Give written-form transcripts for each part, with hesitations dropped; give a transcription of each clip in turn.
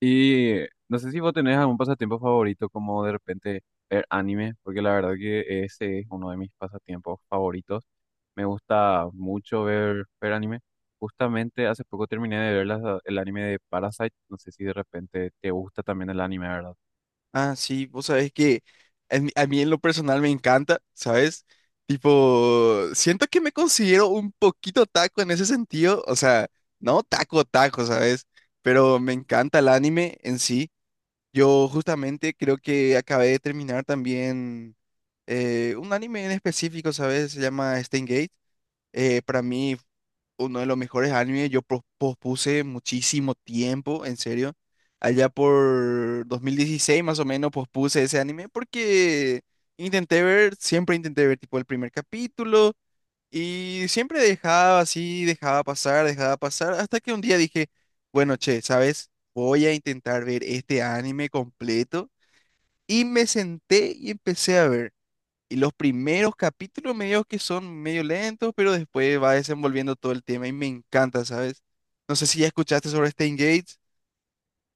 Y no sé si vos tenés algún pasatiempo favorito, como de repente ver anime, porque la verdad que ese es uno de mis pasatiempos favoritos. Me gusta mucho ver anime. Justamente hace poco terminé de ver el anime de Parasite. No sé si de repente te gusta también el anime, ¿verdad? Ah, sí, vos sabés que a mí en lo personal me encanta, ¿sabes? Tipo, siento que me considero un poquito taco en ese sentido, o sea, no taco taco, ¿sabes? Pero me encanta el anime en sí. Yo justamente creo que acabé de terminar también un anime en específico, ¿sabes? Se llama Steins Gate. Para mí uno de los mejores animes. Yo pospuse muchísimo tiempo, en serio. Allá por 2016 más o menos pospuse ese anime porque intenté ver, siempre intenté ver tipo el primer capítulo y siempre dejaba así, dejaba pasar, hasta que un día dije, bueno, che, ¿sabes? Voy a intentar ver este anime completo y me senté y empecé a ver. Y los primeros capítulos medio que son medio lentos, pero después va desenvolviendo todo el tema y me encanta, ¿sabes? No sé si ya escuchaste sobre Stan Gates.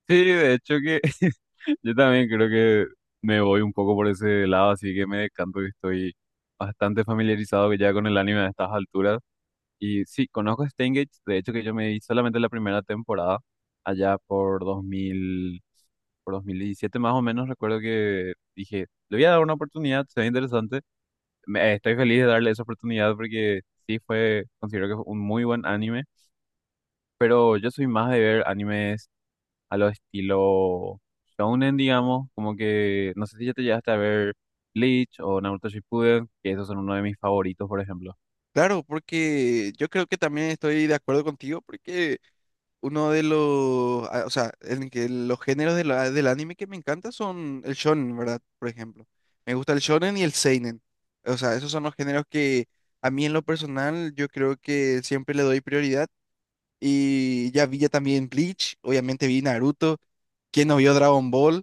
Sí, de hecho que yo también creo que me voy un poco por ese lado, así que me decanto que estoy bastante familiarizado que ya con el anime a estas alturas. Y sí, conozco Steingate, de hecho que yo me vi solamente la primera temporada, allá por 2000, por 2017 más o menos, recuerdo que dije, le voy a dar una oportunidad, se ve interesante. Estoy feliz de darle esa oportunidad porque sí fue, considero que fue un muy buen anime, pero yo soy más de ver animes a lo estilo shounen, digamos, como que, no sé si ya te llegaste a ver Bleach o Naruto Shippuden, que esos son uno de mis favoritos, por ejemplo. Claro, porque yo creo que también estoy de acuerdo contigo, porque uno de los, o sea, en que los géneros de del anime que me encanta son el shonen, ¿verdad? Por ejemplo. Me gusta el shonen y el seinen. O sea, esos son los géneros que a mí en lo personal yo creo que siempre le doy prioridad. Y ya vi ya también Bleach, obviamente vi Naruto, quien no vio Dragon Ball.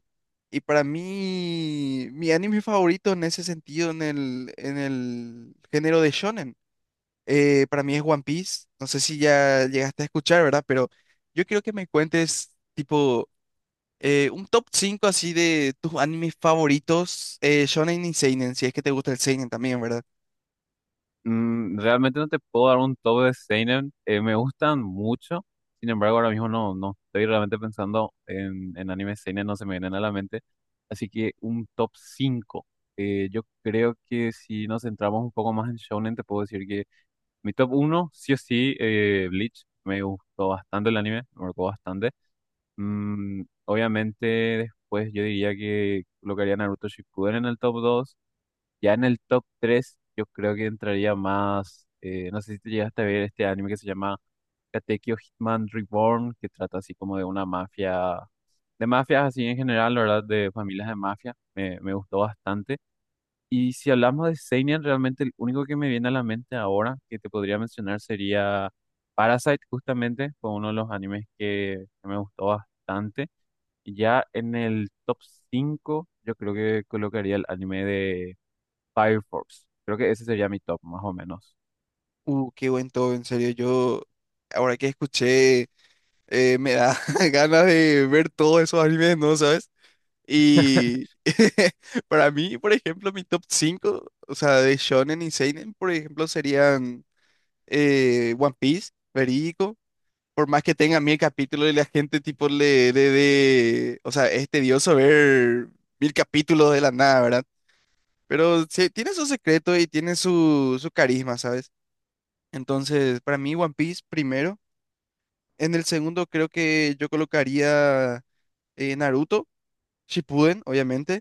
Y para mí, mi anime favorito en ese sentido, en el género de shonen, para mí es One Piece. No sé si ya llegaste a escuchar, ¿verdad? Pero yo quiero que me cuentes, tipo, un top 5 así de tus animes favoritos, shonen y seinen, si es que te gusta el seinen también, ¿verdad? Mm, realmente no te puedo dar un top de seinen. Me gustan mucho. Sin embargo, ahora mismo no estoy realmente pensando en, anime seinen, no se me vienen a la mente. Así que un top cinco. Yo creo que si nos centramos un poco más en shonen, te puedo decir que mi top uno sí o sí, Bleach. Me gustó bastante el anime, me marcó bastante. Mm, obviamente, después yo diría que colocaría Naruto Shippuden en el top dos, ya en el top 3 yo creo que entraría más. No sé si te llegaste a ver este anime que se llama Katekyo Hitman Reborn, que trata así como de una mafia. De mafias así en general, la verdad, de familias de mafia. Me gustó bastante. Y si hablamos de Seinen, realmente el único que me viene a la mente ahora que te podría mencionar sería Parasite, justamente. Fue uno de los animes que, me gustó bastante. Y ya en el top 5 yo creo que colocaría el anime Fire Force. Creo que ese sería mi top, más o menos. Qué buen todo, en serio. Yo, ahora que escuché, me da ganas de ver todos esos animes, ¿no? ¿Sabes? Y para mí, por ejemplo, mi top cinco, o sea, de shonen y seinen, por ejemplo, serían One Piece, verídico. Por más que tenga mil capítulos y la gente tipo le dé, o sea, es tedioso ver mil capítulos de la nada, ¿verdad? Pero sí, tiene su secreto y tiene su carisma, ¿sabes? Entonces, para mí One Piece primero. En el segundo creo que yo colocaría Naruto Shippuden, obviamente.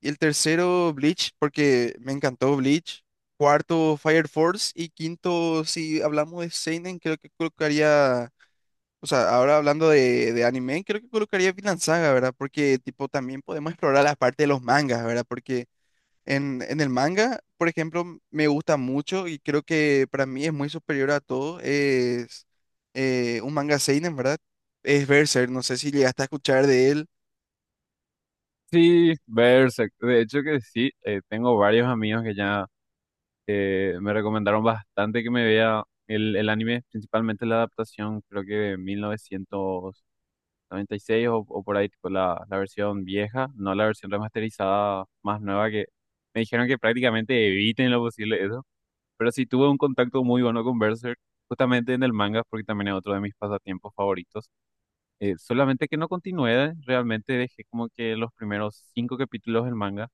Y el tercero, Bleach, porque me encantó Bleach. Cuarto, Fire Force. Y quinto, si hablamos de seinen, creo que colocaría, o sea, ahora hablando de, anime, creo que colocaría Vinland Saga, ¿verdad? Porque, tipo, también podemos explorar la parte de los mangas, ¿verdad? Porque en el manga, por ejemplo, me gusta mucho y creo que para mí es muy superior a todo. Es un manga seinen, ¿verdad? Es Berserk, no sé si llegaste a escuchar de él. Sí, Berserk. De hecho que sí, tengo varios amigos que ya me recomendaron bastante que me vea el anime, principalmente la adaptación, creo que de 1996 o por ahí, tipo la versión vieja, no la versión remasterizada más nueva que me dijeron que prácticamente eviten en lo posible eso. Pero sí tuve un contacto muy bueno con Berserk, justamente en el manga, porque también es otro de mis pasatiempos favoritos. Solamente que no continué, realmente dejé como que los primeros cinco capítulos del manga.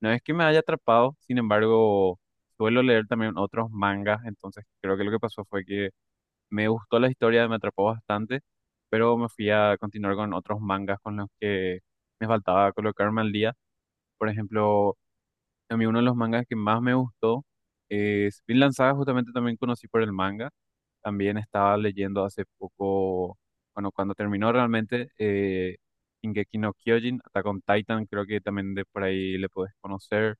No es que me haya atrapado, sin embargo, suelo leer también otros mangas, entonces creo que lo que pasó fue que me gustó la historia, me atrapó bastante, pero me fui a continuar con otros mangas con los que me faltaba colocarme al día. Por ejemplo, a mí uno de los mangas que más me gustó es Vinland Saga, justamente también conocí por el manga. También estaba leyendo hace poco, bueno, cuando terminó realmente, Shingeki no Kyojin, Attack on Titan, creo que también de por ahí le podés conocer,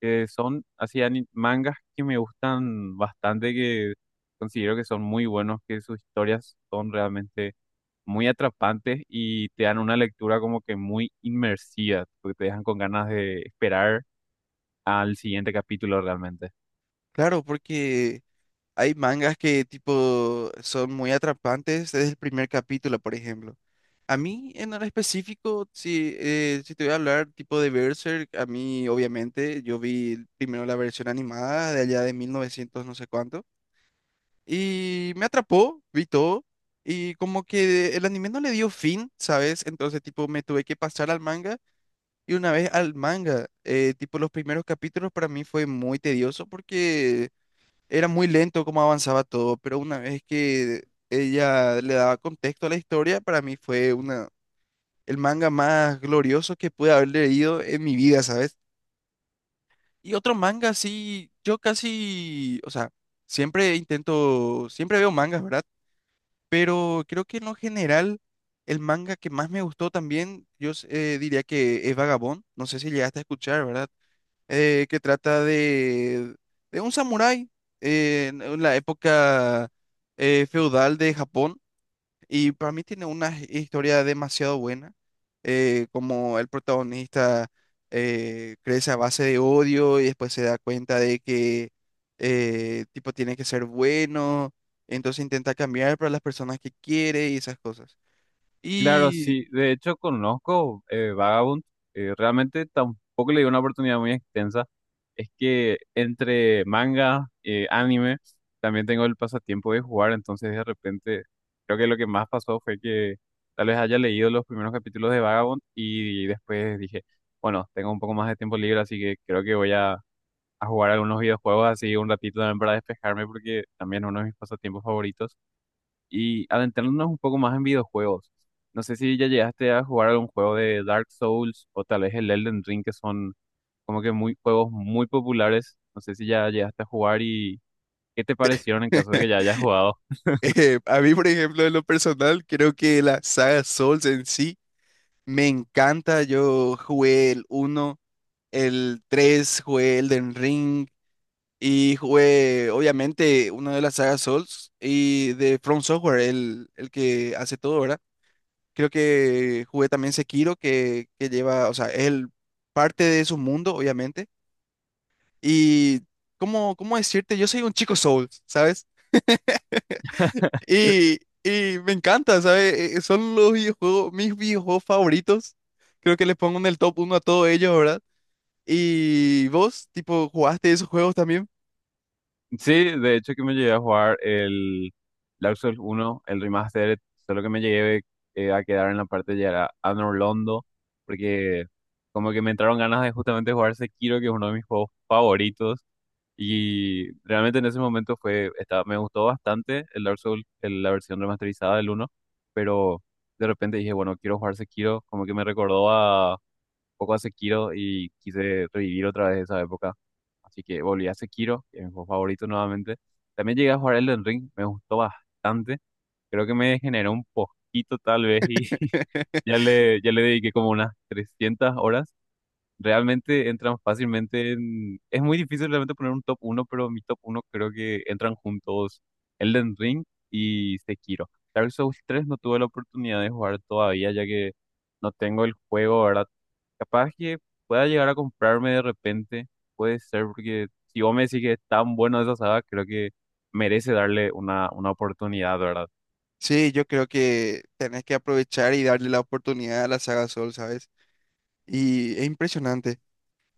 que son así mangas que me gustan bastante, que considero que son muy buenos, que sus historias son realmente muy atrapantes y te dan una lectura como que muy inmersiva, porque te dejan con ganas de esperar al siguiente capítulo realmente. Claro, porque hay mangas que tipo son muy atrapantes desde el primer capítulo, por ejemplo. A mí en el específico, si te voy a hablar tipo de Berserk, a mí obviamente yo vi primero la versión animada de allá de 1900 no sé cuánto y me atrapó, vi todo, y como que el anime no le dio fin, ¿sabes? Entonces tipo me tuve que pasar al manga, y una vez al manga, tipo los primeros capítulos para mí fue muy tedioso porque era muy lento cómo avanzaba todo, pero una vez que ella le daba contexto a la historia, para mí fue una, el manga más glorioso que pude haber leído en mi vida, ¿sabes? Y otro manga, sí, yo casi, o sea, siempre intento, siempre veo mangas, ¿verdad? Pero creo que en lo general, el manga que más me gustó también, diría que es Vagabond, no sé si llegaste a escuchar, ¿verdad? Que trata de, un samurái en la época feudal de Japón. Y para mí tiene una historia demasiado buena, como el protagonista crece a base de odio y después se da cuenta de que, tipo, tiene que ser bueno, entonces intenta cambiar para las personas que quiere y esas cosas. Claro, Y sí, de hecho conozco Vagabond, realmente tampoco le di una oportunidad muy extensa. Es que entre manga, anime, también tengo el pasatiempo de jugar, entonces de repente creo que lo que más pasó fue que tal vez haya leído los primeros capítulos de Vagabond y después dije, bueno, tengo un poco más de tiempo libre, así que creo que voy a jugar algunos videojuegos así un ratito también para despejarme porque también es uno de mis pasatiempos favoritos. Y adentrándonos un poco más en videojuegos, no sé si ya llegaste a jugar algún juego de Dark Souls o tal vez el Elden Ring, que son como que muy juegos muy populares. No sé si ya llegaste a jugar y qué te parecieron en caso de que ya hayas jugado. A mí, por ejemplo, en lo personal, creo que la saga Souls en sí me encanta. Yo jugué el uno, el tres, jugué Elden Ring y jugué obviamente una de las sagas Souls y de From Software, el que hace todo, ¿verdad? Creo que jugué también Sekiro, que lleva, o sea, es parte de su mundo, obviamente. Y, ¿cómo decirte, yo soy un chico Souls, ¿sabes? Y me encanta, ¿sabes? Son los videojuegos, mis videojuegos favoritos. Creo que les pongo en el top uno a todos ellos, ¿verdad? ¿Y vos, tipo, jugaste esos juegos también? Sí, de hecho que me llegué a jugar el Dark Souls uno, el remaster. Solo que me llegué a quedar en la parte de llegar a Anor Londo, porque como que me entraron ganas de justamente jugar Sekiro, que es uno de mis juegos favoritos. Y realmente en ese momento fue, estaba- me gustó bastante el Dark Souls, el- la versión remasterizada del uno, pero de repente dije, bueno, quiero jugar Sekiro, como que me recordó a, un poco a Sekiro y quise revivir otra vez esa época. Así que volví a Sekiro, que es mi juego favorito nuevamente. También llegué a jugar Elden Ring, me gustó bastante. Creo que me degeneró un poquito tal vez y ya le, ya le dediqué como unas 300 horas. Realmente entran fácilmente en... Es muy difícil realmente poner un top uno, pero mi top uno creo que entran juntos Elden Ring y Sekiro. Dark Souls 3 no tuve la oportunidad de jugar todavía, ya que no tengo el juego, ¿verdad? Capaz que pueda llegar a comprarme de repente, puede ser, porque si vos me decís que es tan bueno esa saga, creo que merece darle una oportunidad, ¿verdad? Sí, yo creo que tenés que aprovechar y darle la oportunidad a la saga Soul, ¿sabes? Y es impresionante.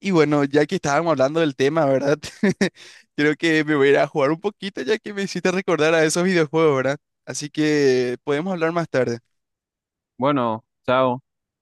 Y bueno, ya que estábamos hablando del tema, ¿verdad? Creo que me voy a ir a jugar un poquito ya que me hiciste recordar a esos videojuegos, ¿verdad? Así que podemos hablar más tarde. Bueno, chao.